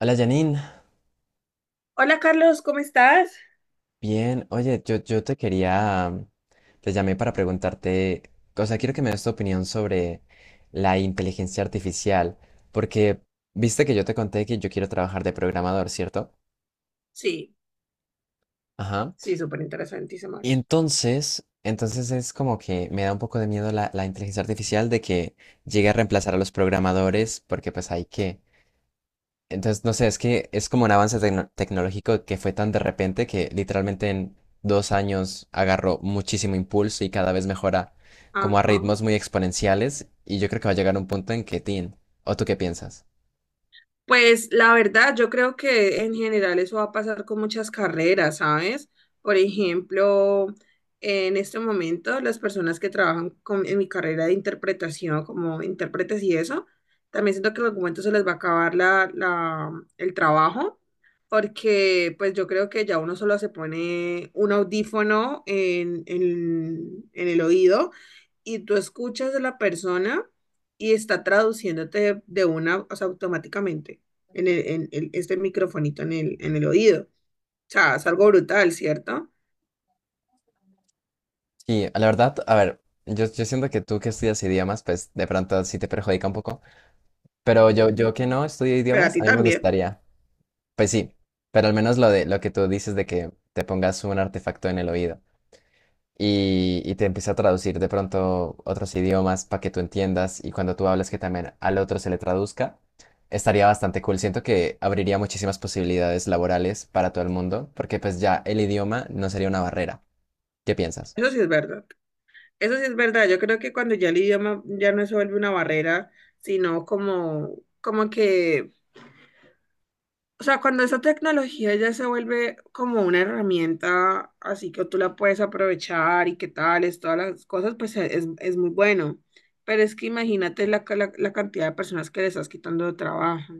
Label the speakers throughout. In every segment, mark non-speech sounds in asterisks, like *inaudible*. Speaker 1: Hola Janine,
Speaker 2: Hola Carlos, ¿cómo estás?
Speaker 1: bien, oye, yo te quería, te llamé para preguntarte, o sea, quiero que me des tu opinión sobre la inteligencia artificial, porque viste que yo te conté que yo quiero trabajar de programador, ¿cierto?
Speaker 2: Sí,
Speaker 1: Ajá.
Speaker 2: sí, súper interesantísimo
Speaker 1: Y
Speaker 2: eso.
Speaker 1: entonces es como que me da un poco de miedo la inteligencia artificial de que llegue a reemplazar a los programadores, porque pues hay que, entonces, no sé, es que es como un avance tecnológico que fue tan de repente que literalmente en 2 años agarró muchísimo impulso y cada vez mejora como a
Speaker 2: Ajá.
Speaker 1: ritmos muy exponenciales y yo creo que va a llegar un punto en que, tin, ¿o tú qué piensas?
Speaker 2: Pues la verdad, yo creo que en general eso va a pasar con muchas carreras, ¿sabes? Por ejemplo, en este momento las personas que trabajan en mi carrera de interpretación como intérpretes y eso, también siento que en algún momento se les va a acabar el trabajo, porque pues yo creo que ya uno solo se pone un audífono en el oído y tú escuchas a la persona y está traduciéndote de una, o sea, automáticamente este microfonito en en el oído. O sea, es algo brutal, ¿cierto?
Speaker 1: Sí, la verdad, a ver, yo siento que tú que estudias idiomas, pues de pronto sí te perjudica un poco, pero yo,
Speaker 2: Mm,
Speaker 1: yo que no estudio
Speaker 2: Para
Speaker 1: idiomas,
Speaker 2: ti
Speaker 1: a mí me
Speaker 2: también.
Speaker 1: gustaría, pues sí, pero al menos lo de lo que tú dices de que te pongas un artefacto en el oído. Y, y te empieza a traducir de pronto otros idiomas para que tú entiendas y cuando tú hablas que también al otro se le traduzca, estaría bastante cool. Siento que abriría muchísimas posibilidades laborales para todo el mundo porque pues ya el idioma no sería una barrera. ¿Qué piensas?
Speaker 2: Eso sí es verdad. Eso sí es verdad. Yo creo que cuando ya el idioma ya no se vuelve una barrera, sino como, como que o sea, cuando esa tecnología ya se vuelve como una herramienta, así que tú la puedes aprovechar y que tales, todas las cosas, pues es muy bueno. Pero es que imagínate la cantidad de personas que le estás quitando de trabajo.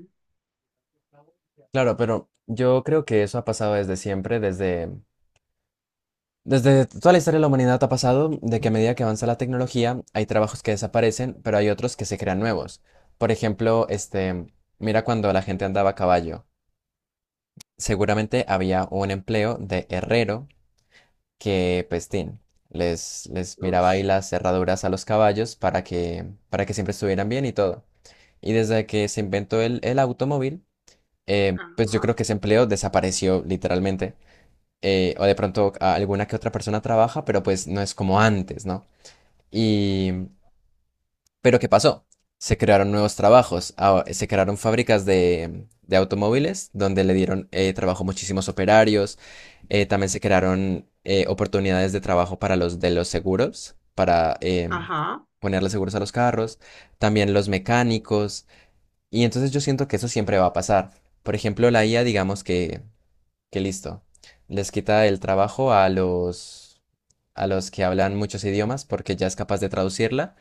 Speaker 1: Claro, pero yo creo que eso ha pasado desde siempre, desde... Desde toda la historia de la humanidad ha pasado de que a medida que avanza la tecnología hay trabajos que desaparecen, pero hay otros que se crean nuevos. Por ejemplo, este, mira cuando la gente andaba a caballo. Seguramente había un empleo de herrero que, pues, tin, les miraba ahí
Speaker 2: Ush,
Speaker 1: las cerraduras a los caballos para que siempre estuvieran bien y todo. Y desde que se inventó el automóvil, pues yo
Speaker 2: ajá,
Speaker 1: creo que ese empleo desapareció literalmente. O de pronto alguna que otra persona trabaja, pero pues no es como antes, ¿no? Y pero ¿qué pasó? Se crearon nuevos trabajos, ah, se crearon fábricas de automóviles donde le dieron trabajo a muchísimos operarios, también se crearon oportunidades de trabajo para los de los seguros, para
Speaker 2: ajá,
Speaker 1: ponerle seguros a los carros, también los mecánicos, y entonces yo siento que eso siempre va a pasar. Por ejemplo, la IA, digamos que listo, les quita el trabajo a los que hablan muchos idiomas porque ya es capaz de traducirla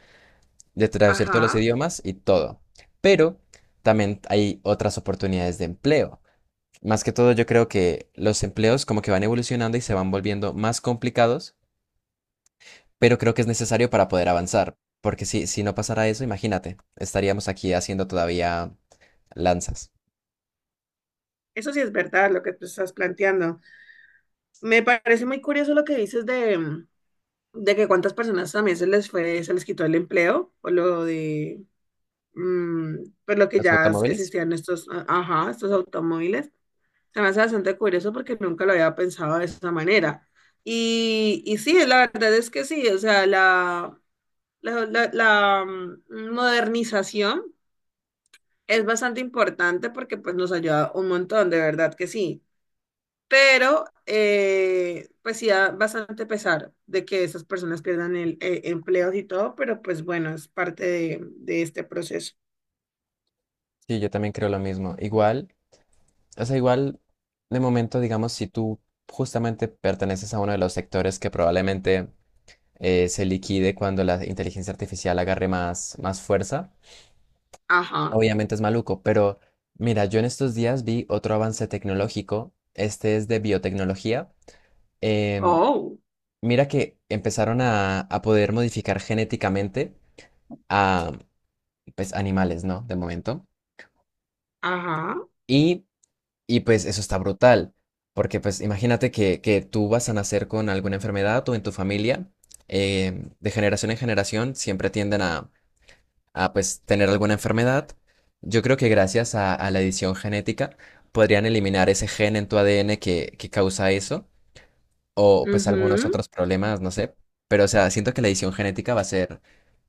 Speaker 1: de traducir todos los
Speaker 2: ajá.
Speaker 1: idiomas y todo. Pero también hay otras oportunidades de empleo. Más que todo, yo creo que los empleos como que van evolucionando y se van volviendo más complicados, pero creo que es necesario para poder avanzar, porque si, si no pasara eso, imagínate, estaríamos aquí haciendo todavía lanzas.
Speaker 2: Eso sí es verdad lo que tú estás planteando. Me parece muy curioso lo que dices de que cuántas personas también se les quitó el empleo, o lo de mm, pues lo que
Speaker 1: ¿Los
Speaker 2: ya
Speaker 1: automóviles?
Speaker 2: existían estos, ajá, estos automóviles. Se me hace bastante curioso porque nunca lo había pensado de esa manera. Y sí, la verdad es que sí, o sea, la modernización es bastante importante porque pues nos ayuda un montón, de verdad que sí. Pero pues sí da bastante pesar de que esas personas pierdan el, empleos y todo, pero pues bueno, es parte de este proceso.
Speaker 1: Sí, yo también creo lo mismo. Igual, o sea, igual, de momento, digamos, si tú justamente perteneces a uno de los sectores que probablemente se liquide cuando la inteligencia artificial agarre más, más fuerza.
Speaker 2: Ajá.
Speaker 1: Obviamente es maluco, pero mira, yo en estos días vi otro avance tecnológico. Este es de biotecnología. Em,
Speaker 2: Oh.
Speaker 1: mira que empezaron a poder modificar genéticamente a pues, animales, ¿no? De momento.
Speaker 2: Ajá,
Speaker 1: Y, y pues eso está brutal. Porque pues imagínate que tú vas a nacer con alguna enfermedad o en tu familia, em, de generación en generación siempre tienden a pues tener alguna enfermedad. Yo creo que gracias a la edición genética podrían eliminar ese gen en tu ADN que causa eso o pues algunos
Speaker 2: ujú.
Speaker 1: otros problemas, no sé. Pero o sea, siento que la edición genética va a ser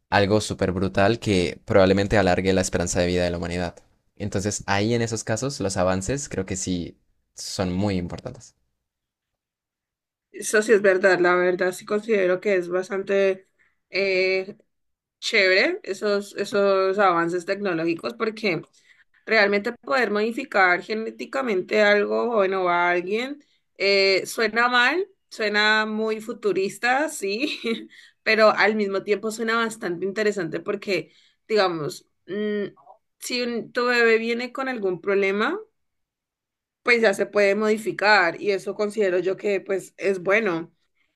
Speaker 1: algo súper brutal que probablemente alargue la esperanza de vida de la humanidad. Entonces ahí en esos casos los avances creo que sí son muy importantes.
Speaker 2: Eso sí es verdad, la verdad sí considero que es bastante eh, chévere esos, esos avances tecnológicos porque realmente poder modificar genéticamente algo bueno, a alguien suena mal, suena muy futurista, sí, *laughs* pero al mismo tiempo suena bastante interesante porque, digamos, si tu bebé viene con algún problema, pues ya se puede modificar y eso considero yo que pues es bueno.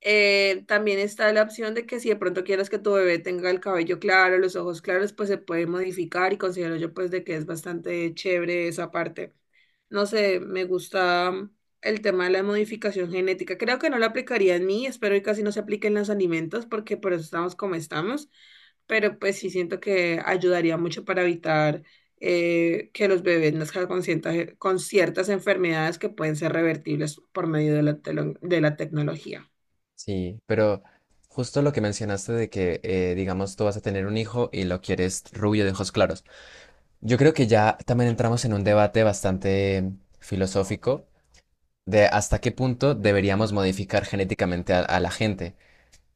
Speaker 2: También está la opción de que si de pronto quieres que tu bebé tenga el cabello claro, los ojos claros, pues se puede modificar y considero yo pues de que es bastante chévere esa parte. No sé, me gusta el tema de la modificación genética. Creo que no lo aplicaría en mí, espero que casi no se aplique en los alimentos porque por eso estamos como estamos, pero pues sí siento que ayudaría mucho para evitar que los bebés nazcan con ciertas enfermedades que pueden ser revertibles por medio de de la tecnología.
Speaker 1: Sí, pero justo lo que mencionaste de que, digamos, tú vas a tener un hijo y lo quieres rubio de ojos claros. Yo creo que ya también entramos en un debate bastante filosófico de hasta qué punto deberíamos modificar genéticamente a la gente,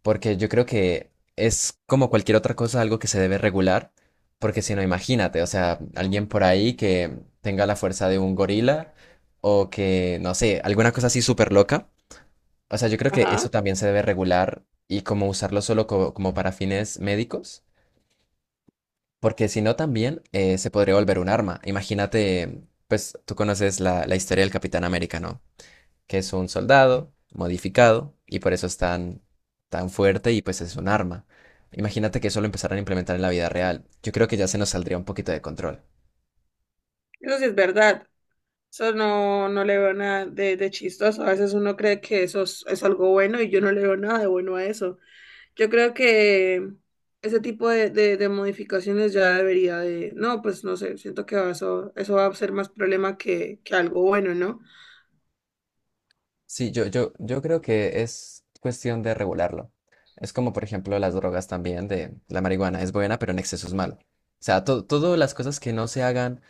Speaker 1: porque yo creo que es como cualquier otra cosa algo que se debe regular, porque si no, imagínate, o sea, alguien por ahí que tenga la fuerza de un gorila o que, no sé, alguna cosa así súper loca. O sea, yo creo que eso
Speaker 2: Ajá,
Speaker 1: también se debe regular y como usarlo solo como para fines médicos. Porque si no, también se podría volver un arma. Imagínate, pues tú conoces la historia del Capitán América, ¿no? Que es un soldado modificado y por eso es tan, tan fuerte y pues es un arma. Imagínate que eso lo empezaran a implementar en la vida real. Yo creo que ya se nos saldría un poquito de control.
Speaker 2: eso sí es verdad. Eso no, no le veo nada de, de chistoso. A veces uno cree que es algo bueno y yo no le veo nada de bueno a eso. Yo creo que ese tipo de modificaciones ya debería de... No, pues no sé, siento que eso va a ser más problema que algo bueno, ¿no?
Speaker 1: Sí, yo creo que es cuestión de regularlo. Es como, por ejemplo, las drogas también, de la marihuana es buena, pero en exceso es malo. O sea, todas las cosas que no se hagan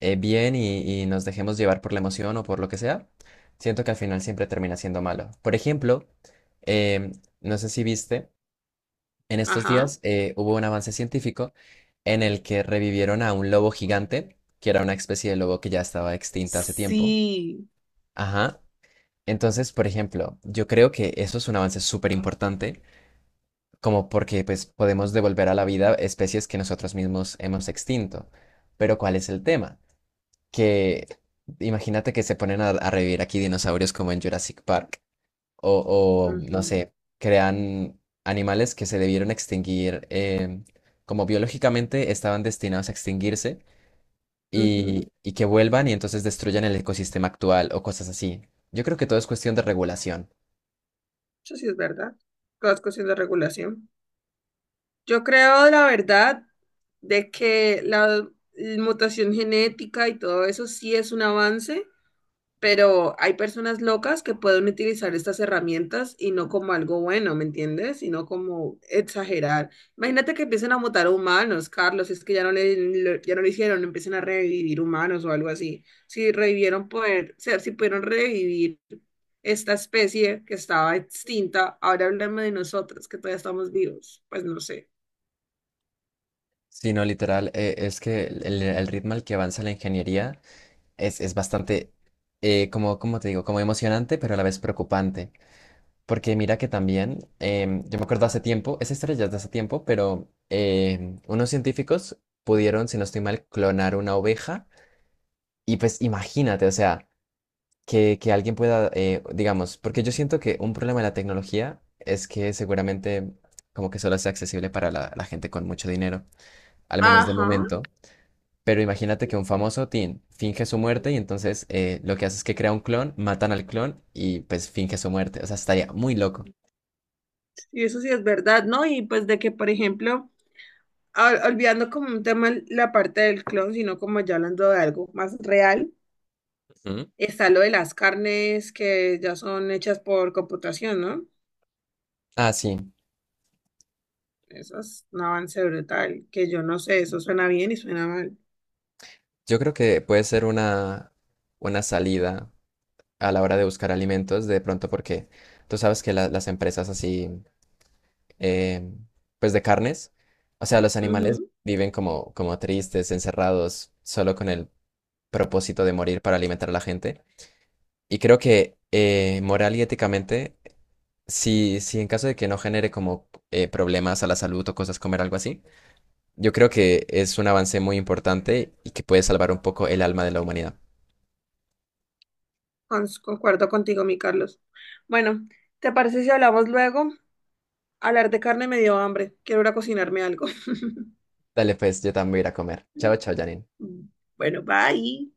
Speaker 1: bien y nos dejemos llevar por la emoción o por lo que sea, siento que al final siempre termina siendo malo. Por ejemplo, em, no sé si viste, en estos
Speaker 2: Ajá.
Speaker 1: días hubo un avance científico en el que revivieron a un lobo gigante, que era una especie de lobo que ya estaba extinta hace tiempo.
Speaker 2: Sí.
Speaker 1: Ajá. Entonces, por ejemplo, yo creo que eso es un avance súper importante, como porque pues podemos devolver a la vida especies que nosotros mismos hemos extinto. Pero ¿cuál es el tema? Que imagínate que se ponen a revivir aquí dinosaurios como en Jurassic Park o, no
Speaker 2: Ujú,
Speaker 1: sé, crean animales que se debieron extinguir, em, como biológicamente estaban destinados a extinguirse
Speaker 2: ujú.
Speaker 1: y que vuelvan y entonces destruyan el ecosistema actual o cosas así. Yo creo que todo es cuestión de regulación.
Speaker 2: Eso sí es verdad. Todas cuestión de regulación. Yo creo, la verdad, de que la mutación genética y todo eso sí es un avance, pero hay personas locas que pueden utilizar estas herramientas y no como algo bueno, ¿me entiendes? Sino como exagerar. Imagínate que empiecen a mutar humanos, Carlos, es que ya no lo hicieron, empiecen a revivir humanos o algo así. Si revivieron poder, o sea, si pudieron revivir esta especie que estaba extinta, ahora hablemos de nosotros que todavía estamos vivos, pues no sé.
Speaker 1: Sino literal, es que el ritmo al que avanza la ingeniería es bastante, como, como te digo, como emocionante, pero a la vez preocupante. Porque mira que también, em, yo me acuerdo hace tiempo, esa historia ya es de hace tiempo, pero em, unos científicos pudieron, si no estoy mal, clonar una oveja. Y pues imagínate, o sea, que alguien pueda, digamos, porque yo siento que un problema de la tecnología es que seguramente como que solo sea accesible para la gente con mucho dinero, al menos de
Speaker 2: Ajá,
Speaker 1: momento. Pero imagínate que un famoso teen finge su muerte y entonces lo que hace es que crea un clon, matan al clon y pues finge su muerte. O sea, estaría muy loco.
Speaker 2: y eso sí es verdad, ¿no? Y pues de que, por ejemplo, olvidando como un tema la parte del clon, sino como ya hablando de algo más real,
Speaker 1: Ujú.
Speaker 2: está lo de las carnes que ya son hechas por computación, ¿no?
Speaker 1: Ah, sí.
Speaker 2: Eso es un avance brutal, que yo no sé, eso suena bien y suena mal.
Speaker 1: Yo creo que puede ser una salida a la hora de buscar alimentos, de pronto porque tú sabes que las empresas así, eh, pues de carnes, o sea, los animales
Speaker 2: Ujú,
Speaker 1: viven como, como tristes, encerrados, solo con el propósito de morir para alimentar a la gente. Y creo que moral y éticamente, si, si en caso de que no genere como problemas a la salud o cosas comer algo así, yo creo que es un avance muy importante y que puede salvar un poco el alma de la humanidad.
Speaker 2: concuerdo contigo, mi Carlos. Bueno, ¿te parece si hablamos luego? Hablar de carne me dio hambre, quiero ir a cocinarme algo.
Speaker 1: Dale, pues yo también voy a ir a comer. Chao, chao,
Speaker 2: *laughs*
Speaker 1: Janine.
Speaker 2: Bueno, bye.